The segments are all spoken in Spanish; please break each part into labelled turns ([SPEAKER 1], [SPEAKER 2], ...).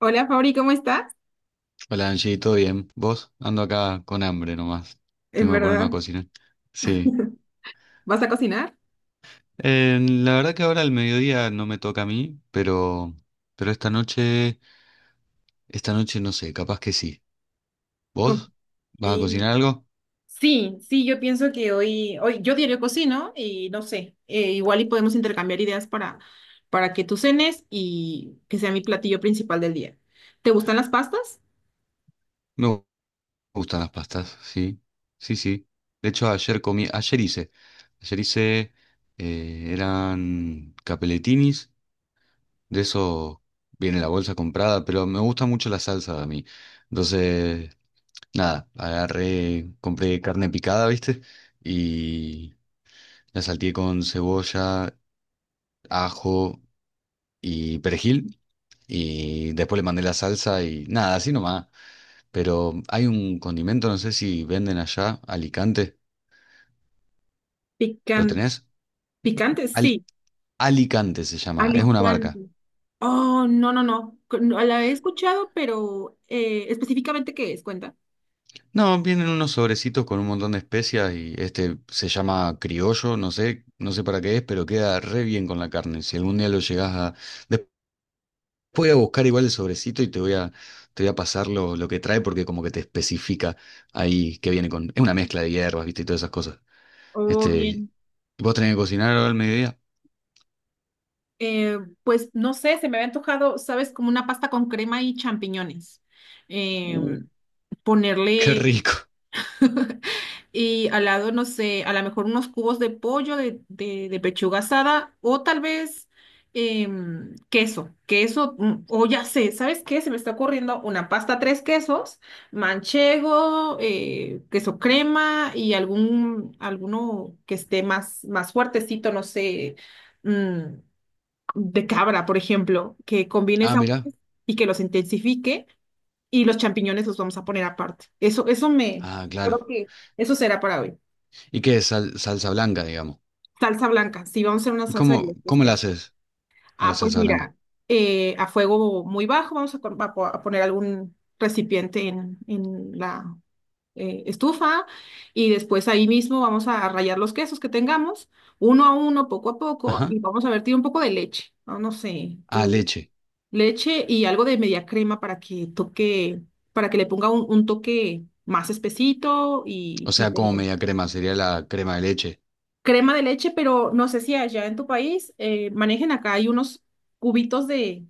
[SPEAKER 1] Hola Fabri, ¿cómo estás?
[SPEAKER 2] Hola Angie, ¿todo bien? ¿Vos? Ando acá con hambre nomás.
[SPEAKER 1] En
[SPEAKER 2] Tengo que ponerme a
[SPEAKER 1] verdad,
[SPEAKER 2] cocinar. Sí.
[SPEAKER 1] ¿vas a cocinar?
[SPEAKER 2] La verdad que ahora al mediodía no me toca a mí, pero esta noche no sé, capaz que sí.
[SPEAKER 1] Ok.
[SPEAKER 2] ¿Vos? ¿Vas a cocinar algo?
[SPEAKER 1] Sí, sí, yo pienso que hoy yo diario cocino y no sé, igual y podemos intercambiar ideas para que tú cenes y que sea mi platillo principal del día. ¿Te gustan las pastas?
[SPEAKER 2] Me gu- Gustan las pastas, sí. Sí, sí. De hecho, ayer hice, ayer hice, eran capelletinis, de eso viene la bolsa comprada, pero me gusta mucho la salsa a mí. Entonces, nada, agarré, compré carne picada, ¿viste? Y la salteé con cebolla, ajo y perejil. Y después le mandé la salsa y nada, así nomás. Pero hay un condimento, no sé si venden allá, Alicante. ¿Lo
[SPEAKER 1] Pican-
[SPEAKER 2] tenés?
[SPEAKER 1] Picantes,
[SPEAKER 2] Al-
[SPEAKER 1] sí.
[SPEAKER 2] Alicante se llama, es una marca.
[SPEAKER 1] Alicante. Oh, no, no, no, no, la he escuchado, pero específicamente ¿qué es? Cuenta.
[SPEAKER 2] No, vienen unos sobrecitos con un montón de especias y este se llama criollo, no sé, no sé para qué es, pero queda re bien con la carne. Si algún día lo llegás a... Voy a buscar igual el sobrecito y te voy a pasar lo que trae porque como que te especifica ahí que viene con... Es una mezcla de hierbas, viste, y todas esas cosas.
[SPEAKER 1] Oh,
[SPEAKER 2] Este,
[SPEAKER 1] bien.
[SPEAKER 2] ¿vos tenés que cocinar ahora al mediodía?
[SPEAKER 1] Pues no sé, se me había antojado, ¿sabes? Como una pasta con crema y champiñones. Eh,
[SPEAKER 2] Uh, qué
[SPEAKER 1] ponerle
[SPEAKER 2] rico.
[SPEAKER 1] Y al lado, no sé, a lo mejor unos cubos de pollo, de pechuga asada o tal vez queso, o ya sé, ¿sabes qué? Se me está ocurriendo una pasta tres quesos: manchego, queso crema y alguno que esté más fuertecito, no sé. mm, de cabra, por ejemplo, que combine
[SPEAKER 2] Ah, mirá.
[SPEAKER 1] sabores y que los intensifique, y los champiñones los vamos a poner aparte.
[SPEAKER 2] Ah, claro.
[SPEAKER 1] Creo que eso será para hoy.
[SPEAKER 2] ¿Y qué es salsa blanca, digamos?
[SPEAKER 1] Salsa blanca, sí, vamos a hacer una
[SPEAKER 2] ¿Y
[SPEAKER 1] salsa de los tres
[SPEAKER 2] cómo la
[SPEAKER 1] quesos.
[SPEAKER 2] haces a la
[SPEAKER 1] Ah, pues
[SPEAKER 2] salsa blanca?
[SPEAKER 1] mira, a fuego muy bajo vamos a, con- a po- a poner algún recipiente en la estufa, y después ahí mismo vamos a rallar los quesos que tengamos, uno a uno, poco a poco,
[SPEAKER 2] Ajá.
[SPEAKER 1] y vamos a vertir un poco de leche. No, no sé,
[SPEAKER 2] Ah,
[SPEAKER 1] tú.
[SPEAKER 2] leche.
[SPEAKER 1] Leche y algo de media crema para que toque, para que le ponga un toque más espesito.
[SPEAKER 2] O sea, como media crema, sería la crema de leche.
[SPEAKER 1] Crema de leche, pero no sé si allá en tu país manejen, acá hay unos cubitos de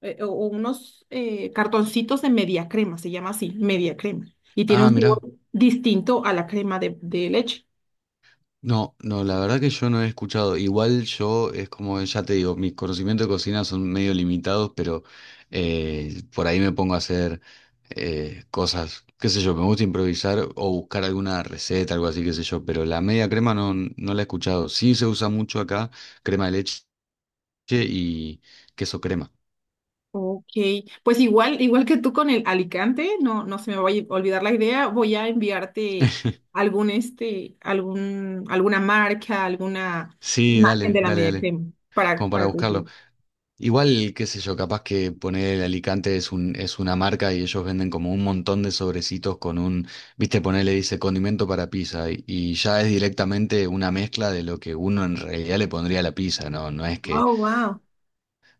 [SPEAKER 1] o unos cartoncitos de media crema, se llama así, media crema, y tiene
[SPEAKER 2] Ah,
[SPEAKER 1] un sabor
[SPEAKER 2] mirá.
[SPEAKER 1] distinto a la crema de leche.
[SPEAKER 2] No, no, la verdad que yo no he escuchado. Igual yo, es como ya te digo, mis conocimientos de cocina son medio limitados, pero por ahí me pongo a hacer cosas, qué sé yo, me gusta improvisar o buscar alguna receta, algo así, qué sé yo, pero la media crema no, no la he escuchado. Sí se usa mucho acá, crema de leche y queso crema.
[SPEAKER 1] Ok, pues igual, igual que tú con el Alicante, no, no se me vaya a olvidar la idea, voy a enviarte alguna marca, alguna
[SPEAKER 2] Sí,
[SPEAKER 1] imagen
[SPEAKER 2] dale,
[SPEAKER 1] de la
[SPEAKER 2] dale,
[SPEAKER 1] media
[SPEAKER 2] dale,
[SPEAKER 1] crema para,
[SPEAKER 2] como para
[SPEAKER 1] para
[SPEAKER 2] buscarlo.
[SPEAKER 1] coincidir.
[SPEAKER 2] Igual, qué sé yo, capaz que poner el Alicante es un, es una marca y ellos venden como un montón de sobrecitos con un, viste, ponerle dice condimento para pizza y ya es directamente una mezcla de lo que uno en realidad le pondría a la pizza, ¿no? No es que,
[SPEAKER 1] Oh, wow.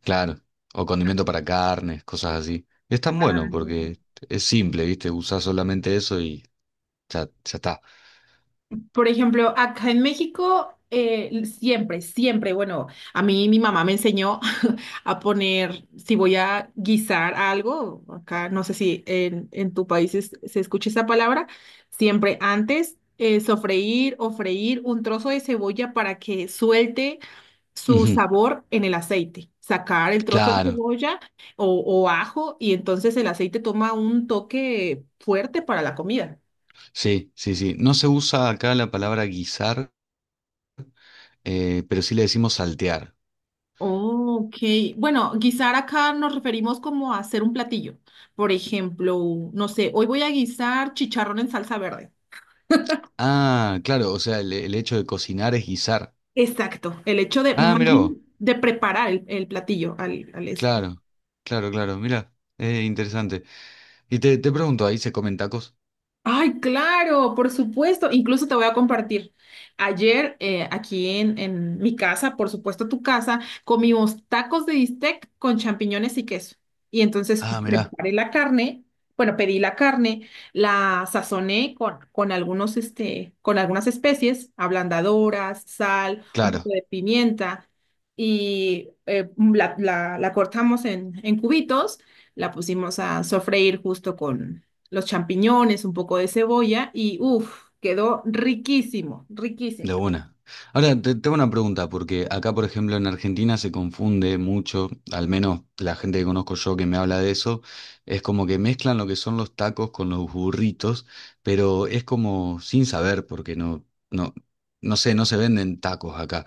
[SPEAKER 2] claro, o condimento para carnes, cosas así. Es tan bueno porque es simple, viste, usás solamente eso y ya, ya está.
[SPEAKER 1] Por ejemplo, acá en México, bueno, a mí mi mamá me enseñó a poner, si voy a guisar algo, acá no sé si en tu país se escucha esa palabra, siempre antes sofreír o freír un trozo de cebolla para que suelte su
[SPEAKER 2] Ujú.
[SPEAKER 1] sabor en el aceite. Sacar el trozo de
[SPEAKER 2] Claro,
[SPEAKER 1] cebolla o ajo, y entonces el aceite toma un toque fuerte para la comida.
[SPEAKER 2] sí, sí, sí. No se usa acá la palabra guisar, pero sí le decimos saltear.
[SPEAKER 1] Ok, bueno, guisar acá nos referimos como a hacer un platillo. Por ejemplo, no sé, hoy voy a guisar chicharrón en salsa verde.
[SPEAKER 2] Ah, claro, o sea, el hecho de cocinar es guisar.
[SPEAKER 1] Exacto, el hecho de,
[SPEAKER 2] Ah,
[SPEAKER 1] más
[SPEAKER 2] mira vos,
[SPEAKER 1] bien, de preparar el platillo al eso.
[SPEAKER 2] claro, claro, claro, mira, interesante. Y te pregunto, ¿ahí se comen tacos?
[SPEAKER 1] Ay, claro, por supuesto. Incluso te voy a compartir. Ayer, aquí en mi casa, por supuesto tu casa, comimos tacos de bistec con champiñones y queso. Y entonces
[SPEAKER 2] Ah, mira,
[SPEAKER 1] preparé la carne, bueno, pedí la carne, la sazoné con con algunas especies, ablandadoras, sal, un poco
[SPEAKER 2] claro.
[SPEAKER 1] de pimienta, y la cortamos en cubitos, la pusimos a sofreír justo los champiñones, un poco de cebolla y uff, quedó riquísimo, riquísimo.
[SPEAKER 2] De una. Ahora, te tengo una pregunta, porque acá, por ejemplo, en Argentina se confunde mucho, al menos la gente que conozco yo que me habla de eso, es como que mezclan lo que son los tacos con los burritos, pero es como sin saber, porque no, no, no sé, no se venden tacos acá.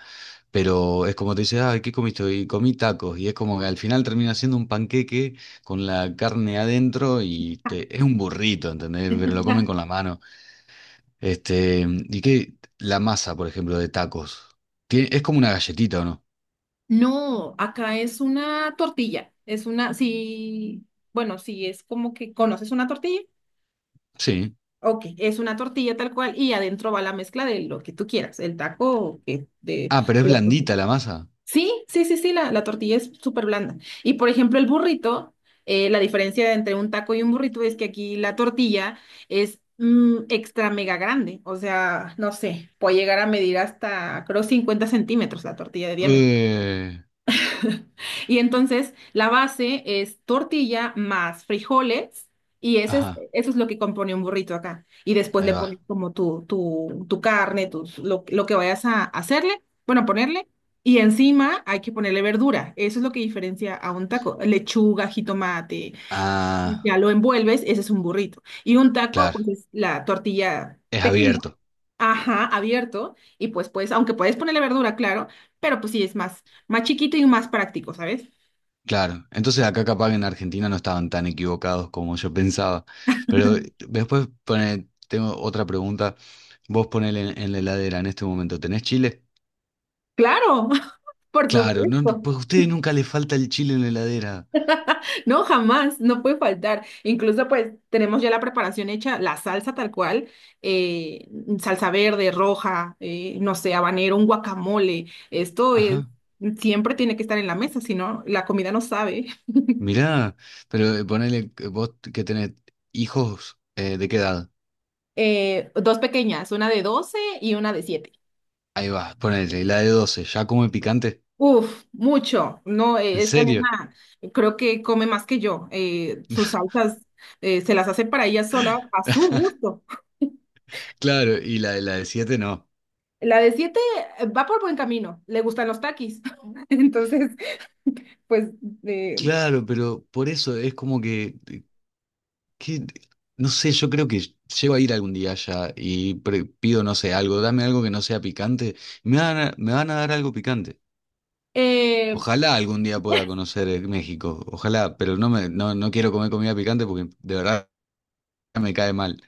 [SPEAKER 2] Pero es como te dice, ay, ¿qué comiste hoy? Y comí tacos. Y es como que al final termina siendo un panqueque con la carne adentro y es un burrito, ¿entendés? Pero lo comen con la mano. Este, ¿y qué? La masa, por ejemplo, de tacos. Es como una galletita, ¿o no?
[SPEAKER 1] No, acá es una tortilla, sí, bueno, sí, es como que conoces una tortilla.
[SPEAKER 2] Sí.
[SPEAKER 1] Ok, es una tortilla tal cual, y adentro va la mezcla de lo que tú quieras, el taco, que de,
[SPEAKER 2] Ah, pero es
[SPEAKER 1] de lo-
[SPEAKER 2] blandita la masa.
[SPEAKER 1] Sí, sí, sí, sí, la tortilla es súper blanda. Y por ejemplo, el burrito, la diferencia entre un taco y un burrito es que aquí la tortilla es extra mega grande. O sea, no sé, puede llegar a medir hasta, creo, 50 centímetros la tortilla de diámetro.
[SPEAKER 2] Eh,
[SPEAKER 1] Y entonces la base es tortilla más frijoles, y
[SPEAKER 2] ajá,
[SPEAKER 1] eso es lo que compone un burrito acá. Y después
[SPEAKER 2] ahí
[SPEAKER 1] le pones
[SPEAKER 2] va.
[SPEAKER 1] como tu carne, lo que vayas a hacerle, bueno, a ponerle. Y encima hay que ponerle verdura. Eso es lo que diferencia a un taco. Lechuga, jitomate, ya
[SPEAKER 2] Ah,
[SPEAKER 1] lo envuelves, ese es un burrito. Y un taco,
[SPEAKER 2] claro.
[SPEAKER 1] pues es la tortilla
[SPEAKER 2] Es
[SPEAKER 1] pequeña,
[SPEAKER 2] abierto.
[SPEAKER 1] ajá, abierto. Y pues, aunque puedes ponerle verdura, claro, pero pues sí es más chiquito y más práctico, ¿sabes?
[SPEAKER 2] Claro. Entonces acá capaz que en Argentina no estaban tan equivocados como yo pensaba. Pero después pone, tengo otra pregunta. Vos ponele en la heladera en este momento. ¿Tenés chile?
[SPEAKER 1] Claro, por
[SPEAKER 2] Claro, no,
[SPEAKER 1] supuesto.
[SPEAKER 2] pues a ustedes nunca les falta el chile en la heladera.
[SPEAKER 1] No, jamás, no puede faltar. Incluso pues tenemos ya la preparación hecha, la salsa tal cual, eh, salsa verde, roja, no sé, habanero, un guacamole. Esto es,
[SPEAKER 2] Ajá.
[SPEAKER 1] siempre tiene que estar en la mesa, si no, la comida no sabe.
[SPEAKER 2] Mirá, pero ponele que vos que tenés hijos, ¿de qué edad?
[SPEAKER 1] Dos pequeñas, una de 12 y una de 7.
[SPEAKER 2] Ahí va, ponele, la de 12, ¿ya come picante?
[SPEAKER 1] Uf, mucho. No,
[SPEAKER 2] ¿En
[SPEAKER 1] esta
[SPEAKER 2] serio?
[SPEAKER 1] nena creo que come más que yo. Sus salsas se las hace para ella sola a su gusto.
[SPEAKER 2] Claro, y la de 7, no.
[SPEAKER 1] La de 7 va por buen camino, le gustan los taquis. Entonces, pues, eh,
[SPEAKER 2] Claro, pero por eso es como que, que- no sé, yo creo que llego a ir algún día allá y pido, no sé, algo, dame algo que no sea picante, me van a dar algo picante.
[SPEAKER 1] eh,
[SPEAKER 2] Ojalá algún día pueda conocer México, ojalá, pero no me, no, no quiero comer comida picante porque de verdad me cae mal.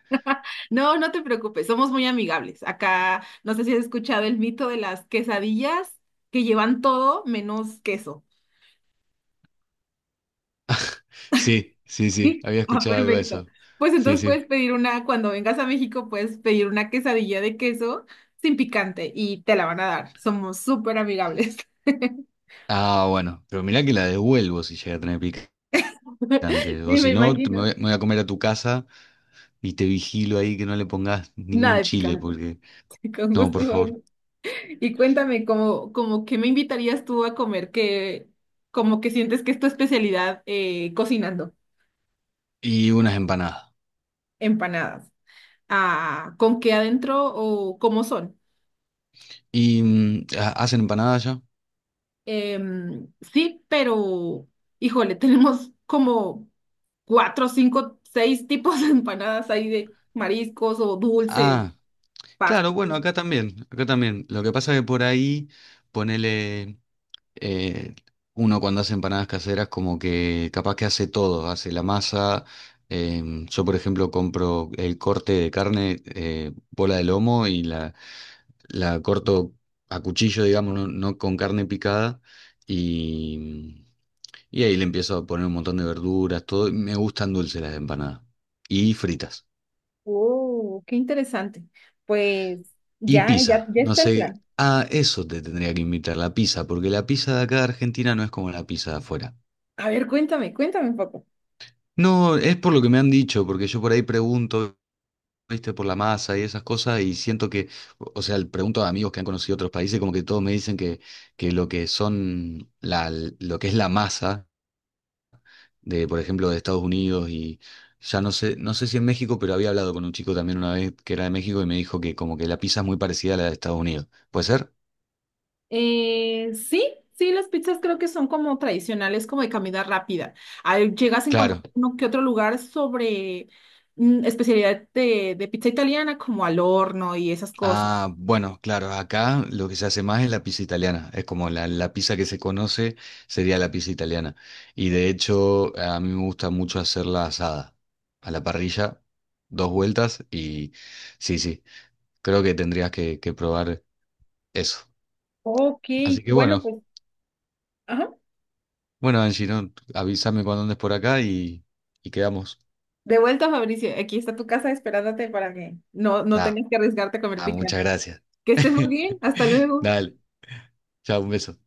[SPEAKER 1] no, no te preocupes, somos muy amigables. Acá, no sé si has escuchado el mito de las quesadillas, que llevan todo menos queso.
[SPEAKER 2] Sí, sí, sí,
[SPEAKER 1] Sí.
[SPEAKER 2] había
[SPEAKER 1] Ah,
[SPEAKER 2] escuchado algo de
[SPEAKER 1] perfecto.
[SPEAKER 2] eso.
[SPEAKER 1] Pues
[SPEAKER 2] Sí,
[SPEAKER 1] entonces puedes
[SPEAKER 2] sí.
[SPEAKER 1] pedir una, cuando vengas a México, puedes pedir una quesadilla de queso sin picante y te la van a dar. Somos súper amigables.
[SPEAKER 2] Ah, bueno, pero mirá que la devuelvo si llega a tener picante. O
[SPEAKER 1] Sí, me
[SPEAKER 2] si no,
[SPEAKER 1] imagino.
[SPEAKER 2] me voy a comer a tu casa y te vigilo ahí que no le pongas
[SPEAKER 1] Nada
[SPEAKER 2] ningún
[SPEAKER 1] de
[SPEAKER 2] chile,
[SPEAKER 1] picante.
[SPEAKER 2] porque...
[SPEAKER 1] Con
[SPEAKER 2] No,
[SPEAKER 1] gusto,
[SPEAKER 2] por favor.
[SPEAKER 1] Gabriel. Y cuéntame, como que me invitarías tú a comer, que como que sientes que es tu especialidad cocinando
[SPEAKER 2] Y unas empanadas.
[SPEAKER 1] empanadas. Ah, ¿con qué adentro o cómo son?
[SPEAKER 2] ¿Y hacen empanadas ya?
[SPEAKER 1] Sí, pero, híjole, tenemos como cuatro, cinco, seis tipos de empanadas ahí, de mariscos o dulces,
[SPEAKER 2] Ah, claro,
[SPEAKER 1] pastas.
[SPEAKER 2] bueno, acá también, acá también. Lo que pasa es que por ahí, ponele, eh, uno cuando hace empanadas caseras como que capaz que hace todo, hace la masa. Em, yo, por ejemplo, compro el corte de carne, bola de lomo y la corto a cuchillo, digamos, no, no con carne picada. Y, y ahí le empiezo a poner un montón de verduras, todo. Me gustan dulces las empanadas. Y fritas.
[SPEAKER 1] Oh, qué interesante. Pues
[SPEAKER 2] Y
[SPEAKER 1] ya, ya,
[SPEAKER 2] pizza,
[SPEAKER 1] ya
[SPEAKER 2] no
[SPEAKER 1] está el
[SPEAKER 2] sé,
[SPEAKER 1] plan.
[SPEAKER 2] a eso te tendría que invitar, la pizza, porque la pizza de acá de Argentina no es como la pizza de afuera.
[SPEAKER 1] A ver, cuéntame, cuéntame un poco.
[SPEAKER 2] No, es por lo que me han dicho, porque yo por ahí pregunto, viste, por la masa y esas cosas, y siento que, o sea, le pregunto a amigos que han conocido otros países, como que todos me dicen que lo que son lo que es la masa de, por ejemplo, de Estados Unidos y ya no sé, no sé si en México, pero había hablado con un chico también una vez que era de México y me dijo que como que la pizza es muy parecida a la de Estados Unidos. ¿Puede ser?
[SPEAKER 1] Sí, sí, las pizzas creo que son como tradicionales, como de comida rápida. Ahí llegas a encontrar
[SPEAKER 2] Claro.
[SPEAKER 1] uno que otro lugar sobre especialidad de pizza italiana, como al horno y esas cosas.
[SPEAKER 2] Ah, bueno, claro, acá lo que se hace más es la pizza italiana, es como la pizza que se conoce sería la pizza italiana. Y de hecho a mí me gusta mucho hacerla asada, a la parrilla, dos vueltas y sí, sí, creo que tendrías que probar eso.
[SPEAKER 1] Ok,
[SPEAKER 2] Así que
[SPEAKER 1] bueno,
[SPEAKER 2] bueno,
[SPEAKER 1] pues, ajá.
[SPEAKER 2] bueno Angie, ¿no?, avísame cuando andes por acá y quedamos.
[SPEAKER 1] De vuelta, Fabricio, aquí está tu casa esperándote para que no
[SPEAKER 2] Nada,
[SPEAKER 1] tengas que arriesgarte a comer picante.
[SPEAKER 2] muchas gracias.
[SPEAKER 1] Que estés muy bien, hasta luego.
[SPEAKER 2] Dale, chao, un beso.